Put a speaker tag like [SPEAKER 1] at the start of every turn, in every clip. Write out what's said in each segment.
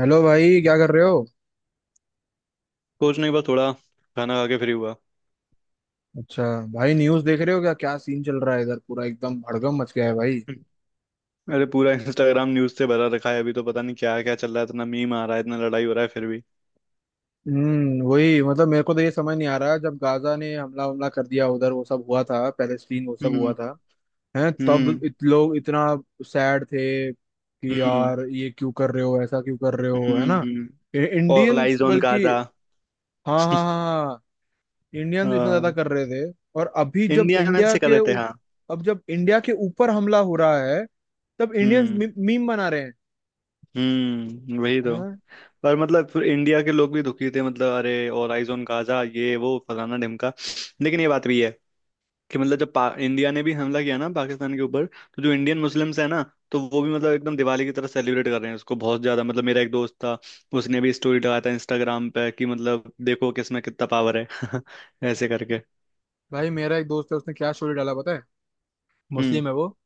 [SPEAKER 1] Hello भाई क्या कर रहे हो।
[SPEAKER 2] कुछ नहीं बस थोड़ा खाना खा के फ्री हुआ।
[SPEAKER 1] अच्छा। भाई न्यूज़ देख रहे हो क्या क्या सीन चल रहा है इधर पूरा एकदम भड़कम मच गया है भाई।
[SPEAKER 2] हम्म। अरे पूरा इंस्टाग्राम न्यूज से भरा रखा है, अभी तो पता नहीं क्या क्या चल रहा है। इतना मीम आ रहा है, इतना लड़ाई हो रहा है फिर भी।
[SPEAKER 1] वही मतलब मेरे को तो ये समझ नहीं आ रहा, जब गाजा ने हमला हमला कर दिया उधर वो सब हुआ था, पैलेस्टीन वो सब हुआ
[SPEAKER 2] हम्म।
[SPEAKER 1] था। हैं तब
[SPEAKER 2] हम्म।
[SPEAKER 1] लोग इतना सैड थे कि
[SPEAKER 2] हम्म।
[SPEAKER 1] यार ये क्यों कर रहे हो, ऐसा क्यों कर रहे हो, है ना।
[SPEAKER 2] हम्म। ऑल
[SPEAKER 1] इंडियंस
[SPEAKER 2] आइज ऑन
[SPEAKER 1] बल्कि
[SPEAKER 2] गाजा।
[SPEAKER 1] हाँ हाँ हाँ, हाँ इंडियंस इतना ज्यादा
[SPEAKER 2] हाँ।
[SPEAKER 1] कर रहे थे, और अभी जब
[SPEAKER 2] इंडिया में से कर रहे थे, हाँ।
[SPEAKER 1] अब जब इंडिया के ऊपर हमला हो रहा है तब इंडियंस
[SPEAKER 2] हम्म।
[SPEAKER 1] मीम बना रहे हैं।
[SPEAKER 2] हम्म। वही तो।
[SPEAKER 1] हाँ।
[SPEAKER 2] पर मतलब फिर इंडिया के लोग भी दुखी थे, मतलब अरे ऑल आइज ऑन गाजा, ये वो फलाना ढिमका। लेकिन ये बात भी है कि मतलब जब इंडिया ने भी हमला किया ना पाकिस्तान के ऊपर, तो जो इंडियन मुस्लिम्स हैं ना, तो वो भी मतलब एकदम दिवाली की तरह सेलिब्रेट कर रहे हैं उसको, बहुत ज्यादा। मतलब मेरा एक दोस्त था, उसने भी स्टोरी लगाया था इंस्टाग्राम पे, कि मतलब देखो किसमें कितना पावर है। ऐसे करके।
[SPEAKER 1] भाई मेरा एक दोस्त है, उसने क्या स्टोरी डाला पता है।
[SPEAKER 2] हम्म।
[SPEAKER 1] मुस्लिम है वो।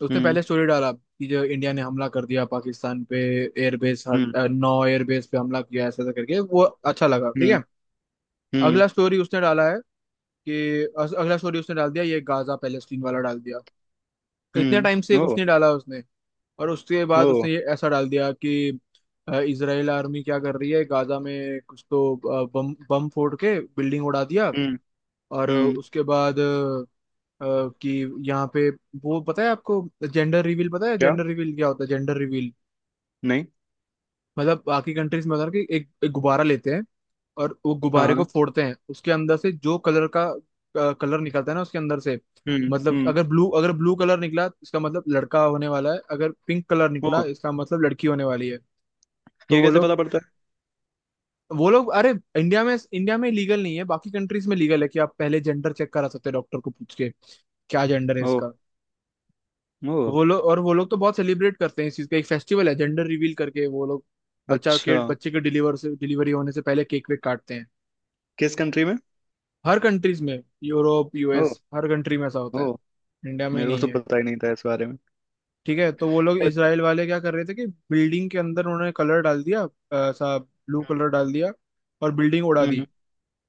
[SPEAKER 1] तो उसने
[SPEAKER 2] हम्म।
[SPEAKER 1] पहले स्टोरी डाला कि जो इंडिया ने हमला कर दिया पाकिस्तान पे, एयरबेस,
[SPEAKER 2] हम्म।
[SPEAKER 1] 9 एयरबेस पे हमला किया ऐसा ऐसा करके, वो अच्छा लगा, ठीक
[SPEAKER 2] हम्म।
[SPEAKER 1] है।
[SPEAKER 2] हम्म।
[SPEAKER 1] अगला स्टोरी उसने डाला है कि अगला स्टोरी उसने डाल दिया ये गाजा पैलेस्टीन वाला डाल दिया। इतने टाइम से
[SPEAKER 2] हम्म।
[SPEAKER 1] एक
[SPEAKER 2] ओ।
[SPEAKER 1] उसने डाला, उसने, और उसके
[SPEAKER 2] ओ।
[SPEAKER 1] बाद उसने ये ऐसा डाल दिया कि इजराइल आर्मी क्या कर रही है गाजा में, कुछ तो बम बम फोड़ के बिल्डिंग उड़ा दिया,
[SPEAKER 2] हम्म।
[SPEAKER 1] और
[SPEAKER 2] हम्म।
[SPEAKER 1] उसके बाद कि यहाँ पे, वो पता है आपको, जेंडर रिवील पता है,
[SPEAKER 2] क्या।
[SPEAKER 1] जेंडर रिवील क्या होता है जेंडर रिवील।
[SPEAKER 2] नहीं।
[SPEAKER 1] मतलब बाकी कंट्रीज में होता है ना कि एक गुब्बारा लेते हैं और वो
[SPEAKER 2] हाँ,
[SPEAKER 1] गुब्बारे को
[SPEAKER 2] हाँ।
[SPEAKER 1] फोड़ते हैं, उसके अंदर से जो कलर का कलर निकलता है ना उसके अंदर से।
[SPEAKER 2] हम्म।
[SPEAKER 1] मतलब कि
[SPEAKER 2] हम्म।
[SPEAKER 1] अगर ब्लू कलर निकला इसका मतलब लड़का होने वाला है, अगर पिंक कलर
[SPEAKER 2] ओ।
[SPEAKER 1] निकला इसका मतलब लड़की होने वाली है। तो
[SPEAKER 2] ये कैसे पता पड़ता
[SPEAKER 1] वो लोग, अरे इंडिया में लीगल नहीं है, बाकी कंट्रीज में लीगल है कि आप पहले जेंडर चेक करा सकते हैं डॉक्टर को पूछ के, क्या जेंडर है
[SPEAKER 2] है। ओ।
[SPEAKER 1] इसका।
[SPEAKER 2] ओ।
[SPEAKER 1] वो लोग, और वो लोग तो बहुत सेलिब्रेट करते हैं इस चीज का, एक फेस्टिवल है जेंडर रिवील करके, वो लोग बच्चा
[SPEAKER 2] अच्छा।
[SPEAKER 1] के बच्चे के डिलीवरी होने से पहले केक वेक काटते हैं।
[SPEAKER 2] किस कंट्री में।
[SPEAKER 1] हर कंट्रीज में, यूरोप,
[SPEAKER 2] ओ।
[SPEAKER 1] यूएस, हर कंट्री में ऐसा होता
[SPEAKER 2] ओ।
[SPEAKER 1] है। इंडिया में
[SPEAKER 2] मेरे को
[SPEAKER 1] नहीं
[SPEAKER 2] तो
[SPEAKER 1] है।
[SPEAKER 2] पता ही नहीं था इस बारे में।
[SPEAKER 1] ठीक है, तो वो लोग इसराइल वाले क्या कर रहे थे कि बिल्डिंग के अंदर उन्होंने कलर डाल दिया, ऐसा ब्लू कलर डाल दिया और बिल्डिंग उड़ा दी।
[SPEAKER 2] हम्म।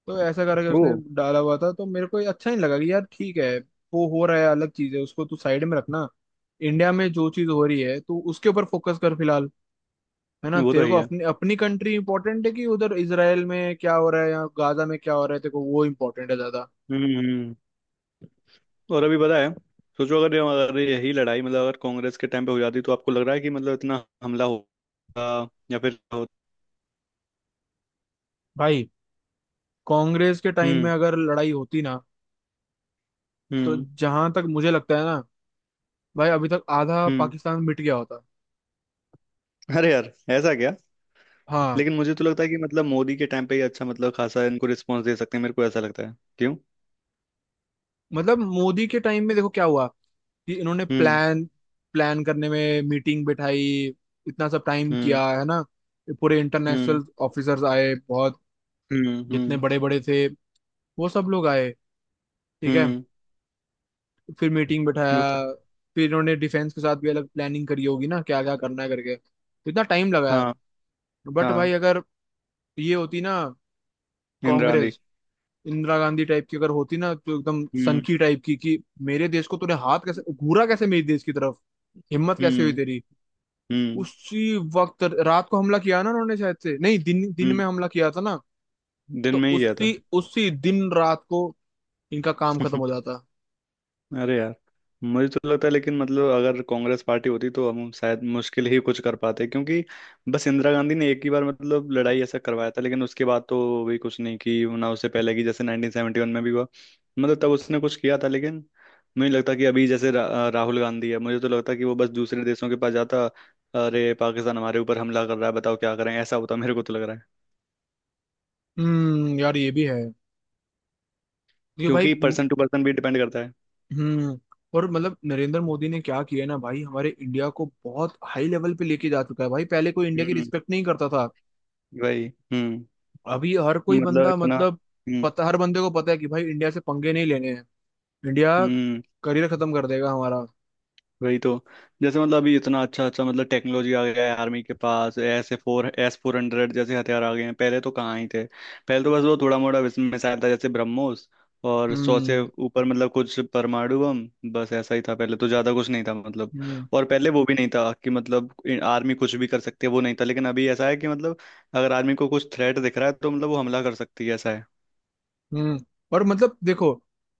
[SPEAKER 1] तो ऐसा करके
[SPEAKER 2] वो
[SPEAKER 1] उसने डाला हुआ था, तो मेरे को ये अच्छा नहीं लगा कि यार ठीक है वो हो रहा है अलग चीज है, उसको तू साइड में रखना। इंडिया में जो चीज हो रही है तू उसके ऊपर फोकस कर फिलहाल। है ना,
[SPEAKER 2] वो तो
[SPEAKER 1] तेरे
[SPEAKER 2] है
[SPEAKER 1] को
[SPEAKER 2] ही है।
[SPEAKER 1] अपनी अपनी कंट्री इंपॉर्टेंट है, कि उधर इसराइल में क्या हो रहा है या गाजा में क्या हो रहा है, तेरे को वो इंपॉर्टेंट है ज्यादा।
[SPEAKER 2] हम्म। हम्म। और अभी पता है, सोचो अगर अगर यही लड़ाई, मतलब अगर कांग्रेस के टाइम पे हो जाती, तो आपको लग रहा है कि मतलब इतना हमला होगा या फिर।
[SPEAKER 1] भाई कांग्रेस के टाइम में
[SPEAKER 2] हम्म।
[SPEAKER 1] अगर लड़ाई होती ना, तो
[SPEAKER 2] हम्म।
[SPEAKER 1] जहां तक मुझे लगता है ना, भाई अभी तक आधा
[SPEAKER 2] हम्म।
[SPEAKER 1] पाकिस्तान मिट गया होता।
[SPEAKER 2] अरे यार ऐसा क्या।
[SPEAKER 1] हाँ।
[SPEAKER 2] लेकिन मुझे तो लगता है कि मतलब मोदी के टाइम पे ही अच्छा मतलब खासा इनको रिस्पॉन्स दे सकते हैं, मेरे को ऐसा लगता है, क्यों।
[SPEAKER 1] मतलब मोदी के टाइम में देखो क्या हुआ कि इन्होंने
[SPEAKER 2] हम्म।
[SPEAKER 1] प्लान प्लान करने में मीटिंग बिठाई, इतना सब टाइम
[SPEAKER 2] हम्म।
[SPEAKER 1] किया है ना। पूरे
[SPEAKER 2] हम्म।
[SPEAKER 1] इंटरनेशनल ऑफिसर्स आए बहुत,
[SPEAKER 2] हम्म।
[SPEAKER 1] जितने
[SPEAKER 2] हम्म।
[SPEAKER 1] बड़े बड़े थे वो सब लोग आए, ठीक है।
[SPEAKER 2] हम्म।
[SPEAKER 1] फिर मीटिंग
[SPEAKER 2] वो तो।
[SPEAKER 1] बिठाया, फिर इन्होंने डिफेंस के साथ भी अलग प्लानिंग करी होगी ना क्या क्या करना है करके, तो इतना टाइम लगाया।
[SPEAKER 2] हाँ,
[SPEAKER 1] बट भाई
[SPEAKER 2] हाँ।
[SPEAKER 1] अगर ये होती ना,
[SPEAKER 2] इंदिरा गांधी।
[SPEAKER 1] कांग्रेस, इंदिरा गांधी टाइप की अगर होती ना, तो एकदम
[SPEAKER 2] हम्म।
[SPEAKER 1] सनकी टाइप की कि मेरे देश को तूने हाथ कैसे घूरा, कैसे मेरे देश की तरफ हिम्मत कैसे हुई
[SPEAKER 2] हम्म।
[SPEAKER 1] तेरी।
[SPEAKER 2] हम्म।
[SPEAKER 1] उसी वक्त रात को हमला किया ना उन्होंने, शायद से नहीं, दिन दिन
[SPEAKER 2] हम्म।
[SPEAKER 1] में हमला किया था ना।
[SPEAKER 2] दिन
[SPEAKER 1] तो
[SPEAKER 2] में ही गया
[SPEAKER 1] उसी
[SPEAKER 2] था।
[SPEAKER 1] उसी दिन रात को इनका काम खत्म हो जाता।
[SPEAKER 2] अरे यार। मुझे तो लगता है, लेकिन मतलब अगर कांग्रेस पार्टी होती तो हम शायद मुश्किल ही कुछ कर पाते, क्योंकि बस इंदिरा गांधी ने एक ही बार मतलब लड़ाई ऐसा करवाया था। लेकिन उसके बाद तो भी कुछ नहीं की ना, उससे पहले की, जैसे 1971 में भी हुआ, मतलब तब उसने कुछ किया था। लेकिन मुझे लगता कि अभी जैसे राहुल गांधी है, मुझे तो लगता कि वो बस दूसरे देशों के पास जाता, अरे पाकिस्तान हमारे ऊपर हमला कर रहा है, बताओ क्या करें, ऐसा होता, मेरे को तो लग रहा है।
[SPEAKER 1] यार, ये भी है ये भाई।
[SPEAKER 2] क्योंकि पर्सन टू पर्सन भी डिपेंड करता है।
[SPEAKER 1] हम्म। और मतलब नरेंद्र मोदी ने क्या किया ना भाई, हमारे इंडिया को बहुत हाई लेवल पे लेके जा चुका है भाई, पहले कोई इंडिया की
[SPEAKER 2] हम्म।
[SPEAKER 1] रिस्पेक्ट नहीं करता था।
[SPEAKER 2] वही। हम्म।
[SPEAKER 1] अभी हर कोई
[SPEAKER 2] मतलब
[SPEAKER 1] बंदा,
[SPEAKER 2] इतना।
[SPEAKER 1] मतलब
[SPEAKER 2] हम्म।
[SPEAKER 1] पता, हर बंदे को पता है कि भाई इंडिया से पंगे नहीं लेने हैं। इंडिया
[SPEAKER 2] हम्म।
[SPEAKER 1] करियर खत्म कर देगा हमारा।
[SPEAKER 2] वही तो। जैसे मतलब अभी इतना अच्छा अच्छा मतलब टेक्नोलॉजी आ गया है, आर्मी के पास S A four S four hundred जैसे हथियार आ गए हैं, पहले तो कहाँ ही थे। पहले तो बस वो थोड़ा मोड़ा मिसाइल था, जैसे ब्रह्मोस, और 100 से
[SPEAKER 1] हम्म,
[SPEAKER 2] ऊपर मतलब कुछ परमाणु बम, बस ऐसा ही था, पहले तो ज्यादा कुछ नहीं था मतलब।
[SPEAKER 1] हम्म,
[SPEAKER 2] और पहले वो भी नहीं था कि मतलब आर्मी कुछ भी कर सकती है, वो नहीं था। लेकिन अभी ऐसा है कि मतलब अगर आर्मी को कुछ थ्रेट दिख रहा है तो मतलब वो हमला कर सकती है, ऐसा है।
[SPEAKER 1] हम्म। और मतलब देखो,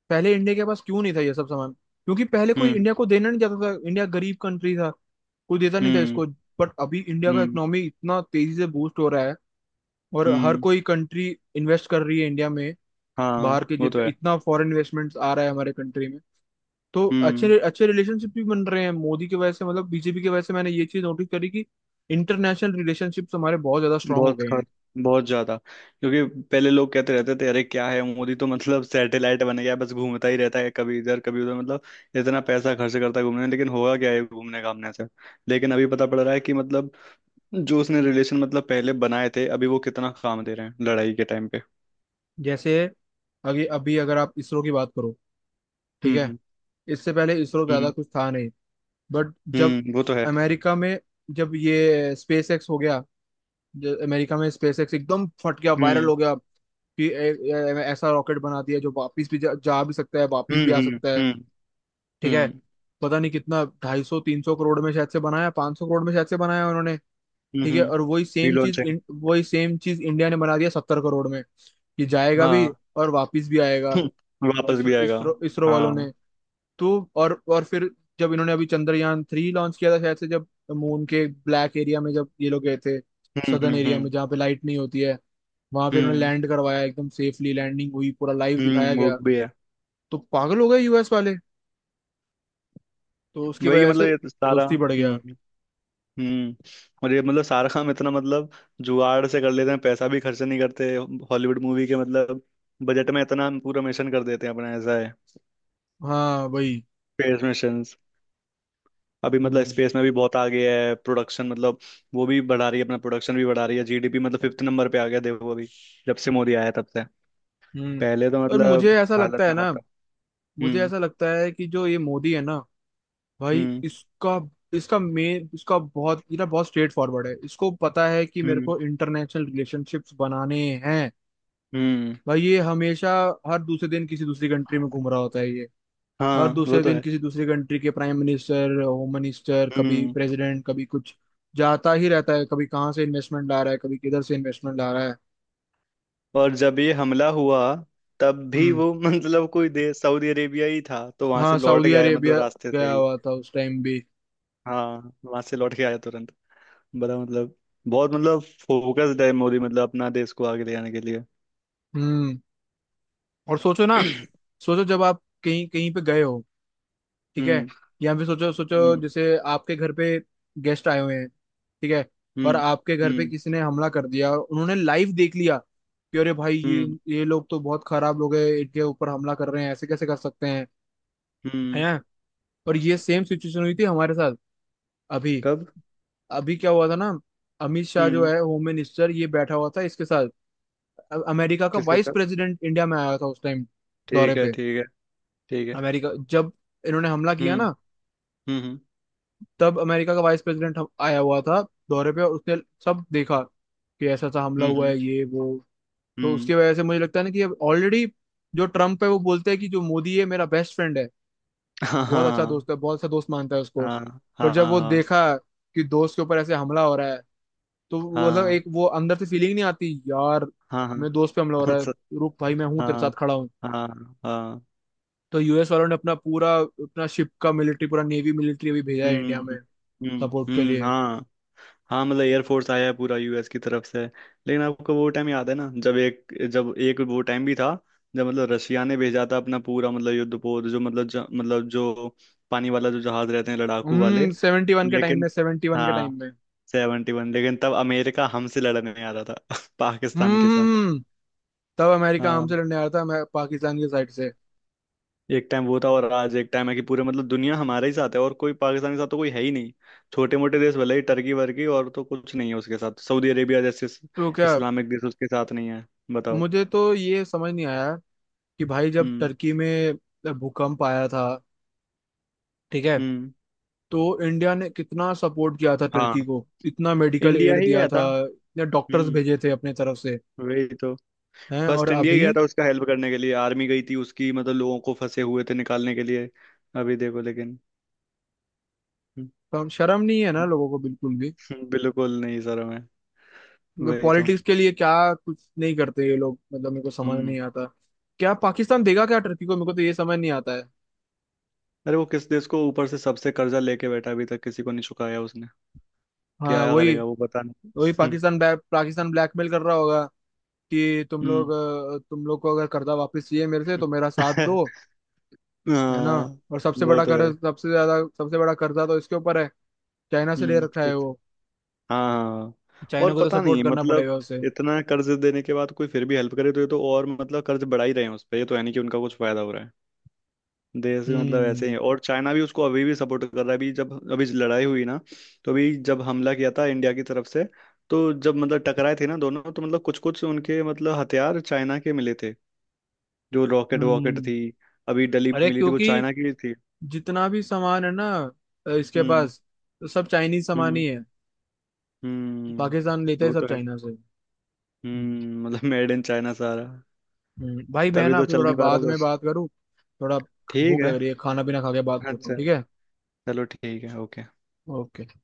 [SPEAKER 1] पहले इंडिया के पास क्यों नहीं था ये सब सामान, क्योंकि पहले कोई
[SPEAKER 2] हम्म।
[SPEAKER 1] इंडिया को देना नहीं चाहता था, इंडिया गरीब कंट्री था। कोई देता नहीं था
[SPEAKER 2] हम्म।
[SPEAKER 1] इसको, बट अभी इंडिया का
[SPEAKER 2] हम्म।
[SPEAKER 1] इकोनॉमी इतना तेजी से बूस्ट हो रहा है और हर
[SPEAKER 2] हम्म।
[SPEAKER 1] कोई कंट्री इन्वेस्ट कर रही है इंडिया में।
[SPEAKER 2] हाँ
[SPEAKER 1] बाहर के,
[SPEAKER 2] वो तो
[SPEAKER 1] जितना
[SPEAKER 2] है।
[SPEAKER 1] इतना फॉरेन इन्वेस्टमेंट्स आ रहा है हमारे कंट्री में, तो
[SPEAKER 2] हम्म।
[SPEAKER 1] अच्छे अच्छे रिलेशनशिप भी बन रहे हैं मोदी की वजह से, मतलब बीजेपी की वजह से, मैंने ये चीज नोटिस करी कि इंटरनेशनल रिलेशनशिप्स हमारे बहुत ज्यादा स्ट्रांग हो
[SPEAKER 2] बहुत
[SPEAKER 1] गए हैं।
[SPEAKER 2] खर्च। बहुत ज्यादा, क्योंकि पहले लोग कहते रहते थे, अरे क्या है मोदी, तो मतलब सैटेलाइट बन गया है, बस घूमता ही रहता है, कभी इधर कभी उधर, मतलब इतना पैसा खर्च करता है घूमने में, लेकिन होगा क्या है घूमने घामने से। लेकिन अभी पता पड़ रहा है कि मतलब जो उसने रिलेशन मतलब पहले बनाए थे, अभी वो कितना काम दे रहे हैं लड़ाई के टाइम पे।
[SPEAKER 1] जैसे अभी अभी अगर आप इसरो की बात करो, ठीक है,
[SPEAKER 2] हम्म।
[SPEAKER 1] इससे पहले इसरो ज्यादा
[SPEAKER 2] हम्म।
[SPEAKER 1] कुछ था नहीं। बट जब
[SPEAKER 2] हम्म। वो तो है।
[SPEAKER 1] अमेरिका में, जब ये स्पेस एक्स हो गया, जो अमेरिका में स्पेस एक्स एकदम फट गया, वायरल
[SPEAKER 2] हम्म।
[SPEAKER 1] हो गया कि ए, ए, ऐसा रॉकेट बना दिया जो वापस भी जा भी सकता है वापस भी
[SPEAKER 2] हम्म।
[SPEAKER 1] आ
[SPEAKER 2] हम्म।
[SPEAKER 1] सकता है,
[SPEAKER 2] हम्म।
[SPEAKER 1] ठीक है।
[SPEAKER 2] हम्म।
[SPEAKER 1] पता नहीं कितना, 250 300 करोड़ में शायद से बनाया, 500 करोड़ में शायद से बनाया उन्होंने,
[SPEAKER 2] हम्म।
[SPEAKER 1] ठीक है।
[SPEAKER 2] हम्म।
[SPEAKER 1] और
[SPEAKER 2] रिलॉन्च है।
[SPEAKER 1] वही सेम चीज इंडिया ने बना दिया 70 करोड़ में। ये जाएगा भी
[SPEAKER 2] हाँ।
[SPEAKER 1] और वापस भी आएगा,
[SPEAKER 2] हम्म, वापस
[SPEAKER 1] इसरो
[SPEAKER 2] भी आएगा।
[SPEAKER 1] इसरो इसरो
[SPEAKER 2] हाँ।
[SPEAKER 1] वालों
[SPEAKER 2] हम्म।
[SPEAKER 1] ने। तो और फिर जब इन्होंने अभी चंद्रयान 3 लॉन्च किया था शायद से, जब मून के ब्लैक एरिया में जब ये लोग गए थे,
[SPEAKER 2] हम्म।
[SPEAKER 1] सदर्न एरिया
[SPEAKER 2] हम्म।
[SPEAKER 1] में जहाँ पे लाइट नहीं होती है, वहां पे उन्होंने
[SPEAKER 2] हम्म।
[SPEAKER 1] लैंड करवाया, एकदम सेफली लैंडिंग हुई, पूरा लाइव दिखाया
[SPEAKER 2] हम्म। वो
[SPEAKER 1] गया।
[SPEAKER 2] भी है।
[SPEAKER 1] तो पागल हो गए यूएस वाले, तो उसकी
[SPEAKER 2] वही है,
[SPEAKER 1] वजह
[SPEAKER 2] मतलब
[SPEAKER 1] से
[SPEAKER 2] ये तो सारा।
[SPEAKER 1] दोस्ती बढ़ गया।
[SPEAKER 2] हम्म। हम्म। और ये मतलब सारा काम इतना मतलब जुगाड़ से कर लेते हैं, पैसा भी खर्च नहीं करते। हॉलीवुड मूवी के मतलब बजट में इतना पूरा मिशन कर देते हैं अपना, ऐसा है।
[SPEAKER 1] हाँ वही।
[SPEAKER 2] Space mission. अभी मतलब
[SPEAKER 1] हम्म
[SPEAKER 2] स्पेस में भी बहुत आगे है। प्रोडक्शन मतलब, वो भी बढ़ा रही है, अपना प्रोडक्शन भी बढ़ा रही है। जीडीपी मतलब फिफ्थ नंबर पे आ गया, देखो अभी, जब से मोदी आया तब से।
[SPEAKER 1] हम्म।
[SPEAKER 2] पहले तो
[SPEAKER 1] और
[SPEAKER 2] मतलब
[SPEAKER 1] मुझे ऐसा
[SPEAKER 2] हालत
[SPEAKER 1] लगता है
[SPEAKER 2] खराब
[SPEAKER 1] ना,
[SPEAKER 2] था।
[SPEAKER 1] मुझे
[SPEAKER 2] हम्म।
[SPEAKER 1] ऐसा लगता है कि जो ये मोदी है ना भाई,
[SPEAKER 2] हम्म।
[SPEAKER 1] इसका इसका मेन इसका बहुत ये ना बहुत स्ट्रेट फॉरवर्ड है, इसको पता है कि मेरे
[SPEAKER 2] हम्म।
[SPEAKER 1] को इंटरनेशनल रिलेशनशिप्स बनाने हैं।
[SPEAKER 2] हम्म।
[SPEAKER 1] भाई ये हमेशा हर दूसरे दिन किसी दूसरी कंट्री में घूम रहा होता है ये। हर
[SPEAKER 2] हाँ वो
[SPEAKER 1] दूसरे
[SPEAKER 2] तो
[SPEAKER 1] दिन
[SPEAKER 2] है।
[SPEAKER 1] किसी दूसरी कंट्री के प्राइम मिनिस्टर, होम मिनिस्टर, कभी
[SPEAKER 2] हम्म।
[SPEAKER 1] प्रेसिडेंट, कभी कुछ, जाता ही रहता है, कभी कहाँ से इन्वेस्टमेंट ला रहा है कभी किधर से इन्वेस्टमेंट ला रहा है।
[SPEAKER 2] और जब ये हमला हुआ तब भी
[SPEAKER 1] हम्म।
[SPEAKER 2] वो मतलब कोई देश, सऊदी अरेबिया ही था, तो वहां से
[SPEAKER 1] हाँ
[SPEAKER 2] लौट
[SPEAKER 1] सऊदी
[SPEAKER 2] के आया
[SPEAKER 1] अरेबिया
[SPEAKER 2] मतलब, रास्ते
[SPEAKER 1] गया
[SPEAKER 2] से ही।
[SPEAKER 1] हुआ था उस टाइम भी।
[SPEAKER 2] हाँ वहां से लौट के आया तुरंत। बड़ा मतलब बहुत मतलब फोकस्ड है मोदी, मतलब अपना देश को आगे ले जाने के लिए।
[SPEAKER 1] हम्म। और सोचो ना, सोचो जब आप कहीं कहीं पे गए हो, ठीक है,
[SPEAKER 2] हम्म।
[SPEAKER 1] या फिर सोचो,
[SPEAKER 2] हम्म।
[SPEAKER 1] जैसे आपके घर पे गेस्ट आए हुए हैं, ठीक है, और
[SPEAKER 2] हम्म।
[SPEAKER 1] आपके घर पे
[SPEAKER 2] हम्म।
[SPEAKER 1] किसी ने हमला कर दिया और उन्होंने लाइव देख लिया कि अरे भाई
[SPEAKER 2] हम्म।
[SPEAKER 1] ये लोग तो बहुत खराब लोग हैं, इनके ऊपर हमला कर रहे हैं ऐसे कैसे कर सकते हैं।
[SPEAKER 2] हम्म।
[SPEAKER 1] हैं, और ये सेम सिचुएशन हुई थी हमारे साथ अभी।
[SPEAKER 2] कब।
[SPEAKER 1] अभी क्या हुआ था ना, अमित शाह जो
[SPEAKER 2] हम्म।
[SPEAKER 1] है होम मिनिस्टर ये बैठा हुआ था इसके साथ, अमेरिका का
[SPEAKER 2] किसके
[SPEAKER 1] वाइस
[SPEAKER 2] साथ।
[SPEAKER 1] प्रेसिडेंट इंडिया में आया था उस टाइम दौरे
[SPEAKER 2] ठीक है,
[SPEAKER 1] पे।
[SPEAKER 2] ठीक है। ठीक है।
[SPEAKER 1] अमेरिका, जब इन्होंने हमला किया
[SPEAKER 2] हम्म।
[SPEAKER 1] ना
[SPEAKER 2] हम्म।
[SPEAKER 1] तब अमेरिका का वाइस प्रेसिडेंट आया हुआ था दौरे पे, और उसने सब देखा कि ऐसा ऐसा हमला
[SPEAKER 2] हम्म। हम्म।
[SPEAKER 1] हुआ है ये वो। तो
[SPEAKER 2] हम्म।
[SPEAKER 1] उसकी वजह से मुझे लगता है ना कि अब ऑलरेडी जो ट्रम्प है वो बोलते हैं कि जो मोदी है मेरा बेस्ट फ्रेंड है,
[SPEAKER 2] हाँ
[SPEAKER 1] बहुत अच्छा
[SPEAKER 2] हाँ
[SPEAKER 1] दोस्त है, बहुत अच्छा दोस्त मानता है उसको।
[SPEAKER 2] हाँ
[SPEAKER 1] पर जब वो
[SPEAKER 2] हाँ,
[SPEAKER 1] देखा कि दोस्त के ऊपर ऐसे हमला हो रहा है, तो वो मतलब
[SPEAKER 2] हाँ।
[SPEAKER 1] एक वो अंदर से फीलिंग नहीं आती यार,
[SPEAKER 2] हाँ, हाँ।
[SPEAKER 1] मेरे दोस्त पे हमला हो
[SPEAKER 2] हाँ।
[SPEAKER 1] रहा है,
[SPEAKER 2] हाँ,
[SPEAKER 1] रुक भाई मैं हूँ तेरे साथ
[SPEAKER 2] हाँ।
[SPEAKER 1] खड़ा हूँ।
[SPEAKER 2] हाँ, हाँ। हाँ।
[SPEAKER 1] तो यूएस वालों ने अपना शिप का मिलिट्री, पूरा नेवी मिलिट्री अभी भेजा है इंडिया में
[SPEAKER 2] हम्म। हम्म।
[SPEAKER 1] सपोर्ट के
[SPEAKER 2] हम्म।
[SPEAKER 1] लिए।
[SPEAKER 2] हाँ। हाँ मतलब एयरफोर्स आया है पूरा यूएस की तरफ से। लेकिन आपको वो टाइम याद है ना, जब एक वो टाइम भी था जब मतलब रशिया ने भेजा था अपना पूरा मतलब युद्धपोत, जो मतलब मतलब जो पानी वाला जो जहाज रहते हैं, लड़ाकू वाले।
[SPEAKER 1] हम्म।
[SPEAKER 2] लेकिन।
[SPEAKER 1] सेवेंटी वन के
[SPEAKER 2] हाँ।
[SPEAKER 1] टाइम में।
[SPEAKER 2] 71, लेकिन तब अमेरिका हमसे लड़ने आ रहा था पाकिस्तान
[SPEAKER 1] हम्म,
[SPEAKER 2] के साथ।
[SPEAKER 1] तब अमेरिका
[SPEAKER 2] हाँ।
[SPEAKER 1] हमसे लड़ने आया था मैं पाकिस्तान की साइड से।
[SPEAKER 2] एक टाइम वो था, और आज एक टाइम है कि पूरे मतलब दुनिया हमारे ही साथ है, और कोई पाकिस्तान के साथ तो कोई है ही नहीं। छोटे मोटे देश भले ही, टर्की वर्की, और तो कुछ नहीं है उसके साथ। सऊदी अरेबिया जैसे
[SPEAKER 1] तो क्या,
[SPEAKER 2] इस्लामिक देश उसके साथ नहीं है। बताओ।
[SPEAKER 1] मुझे तो ये समझ नहीं आया कि भाई जब
[SPEAKER 2] हम्म।
[SPEAKER 1] टर्की में भूकंप आया था, ठीक है,
[SPEAKER 2] हम्म।
[SPEAKER 1] तो इंडिया ने कितना सपोर्ट किया था
[SPEAKER 2] हाँ
[SPEAKER 1] टर्की को, इतना मेडिकल
[SPEAKER 2] इंडिया
[SPEAKER 1] एड
[SPEAKER 2] ही
[SPEAKER 1] दिया
[SPEAKER 2] गया था।
[SPEAKER 1] था, इतने डॉक्टर्स
[SPEAKER 2] हम्म।
[SPEAKER 1] भेजे थे अपने तरफ से।
[SPEAKER 2] वही तो।
[SPEAKER 1] हैं, और
[SPEAKER 2] फर्स्ट इंडिया ही
[SPEAKER 1] अभी
[SPEAKER 2] गया था उसका हेल्प करने के लिए, आर्मी गई थी उसकी, मतलब लोगों को फंसे हुए थे निकालने के लिए। अभी देखो लेकिन।
[SPEAKER 1] शर्म नहीं है ना लोगों को बिल्कुल भी,
[SPEAKER 2] बिल्कुल नहीं सर मैं। वही तो।
[SPEAKER 1] पॉलिटिक्स के लिए क्या कुछ नहीं करते ये लोग, मतलब मेरे को समझ
[SPEAKER 2] हम्म।
[SPEAKER 1] नहीं आता। क्या पाकिस्तान देगा क्या टर्की को, मेरे को तो ये समझ नहीं आता है।
[SPEAKER 2] अरे वो किस देश को ऊपर से सबसे कर्जा लेके बैठा, अभी तक किसी को नहीं चुकाया उसने। क्या
[SPEAKER 1] हाँ वही।
[SPEAKER 2] करेगा वो, पता नहीं।
[SPEAKER 1] वही पाकिस्तान ब्लैकमेल कर रहा होगा कि तुम लोग,
[SPEAKER 2] हम्म।
[SPEAKER 1] तुम लोग को अगर कर्जा वापस चाहिए मेरे से तो मेरा
[SPEAKER 2] हम्म।
[SPEAKER 1] साथ दो। है ना,
[SPEAKER 2] हाँ।
[SPEAKER 1] और
[SPEAKER 2] वो तो है।
[SPEAKER 1] सबसे बड़ा कर्जा तो इसके ऊपर है, चाइना से ले रखा है
[SPEAKER 2] कुछ-।
[SPEAKER 1] वो।
[SPEAKER 2] हाँ। हाँ।
[SPEAKER 1] चाइना
[SPEAKER 2] और
[SPEAKER 1] को तो
[SPEAKER 2] पता
[SPEAKER 1] सपोर्ट
[SPEAKER 2] नहीं
[SPEAKER 1] करना
[SPEAKER 2] मतलब
[SPEAKER 1] पड़ेगा उसे।
[SPEAKER 2] इतना कर्ज देने के बाद कोई फिर भी हेल्प करे, तो ये तो और मतलब कर्ज बढ़ा ही रहे हैं उस पर, ये तो है नहीं कि उनका कुछ फायदा हो रहा है देश में, मतलब ऐसे
[SPEAKER 1] हम्म
[SPEAKER 2] ही। और चाइना भी उसको अभी भी सपोर्ट कर रहा है। अभी जब अभी लड़ाई हुई ना, तो अभी जब हमला किया था इंडिया की तरफ से, तो जब मतलब टकराए थे ना दोनों, तो मतलब कुछ कुछ उनके मतलब हथियार चाइना के मिले थे। जो रॉकेट वॉकेट
[SPEAKER 1] हम्म।
[SPEAKER 2] थी अभी डली
[SPEAKER 1] अरे
[SPEAKER 2] मिली थी, वो
[SPEAKER 1] क्योंकि
[SPEAKER 2] चाइना की थी।
[SPEAKER 1] जितना भी सामान है ना इसके
[SPEAKER 2] हम्म।
[SPEAKER 1] पास, तो सब चाइनीज सामान
[SPEAKER 2] हम्म।
[SPEAKER 1] ही है।
[SPEAKER 2] हम्म।
[SPEAKER 1] पाकिस्तान लेते हैं
[SPEAKER 2] वो
[SPEAKER 1] सब
[SPEAKER 2] तो है।
[SPEAKER 1] चाइना से। हम्म।
[SPEAKER 2] मतलब मेड इन चाइना सारा।
[SPEAKER 1] भाई मैं
[SPEAKER 2] तभी
[SPEAKER 1] ना
[SPEAKER 2] तो
[SPEAKER 1] अभी
[SPEAKER 2] चल
[SPEAKER 1] थोड़ा
[SPEAKER 2] नहीं पा रहा
[SPEAKER 1] बाद में
[SPEAKER 2] कुछ।
[SPEAKER 1] बात करूँ, थोड़ा
[SPEAKER 2] ठीक
[SPEAKER 1] भूख
[SPEAKER 2] है।
[SPEAKER 1] लग रही है, खाना पीना खा के बात करता हूँ
[SPEAKER 2] अच्छा।
[SPEAKER 1] ठीक है।
[SPEAKER 2] चलो ठीक है, ओके।
[SPEAKER 1] ओके।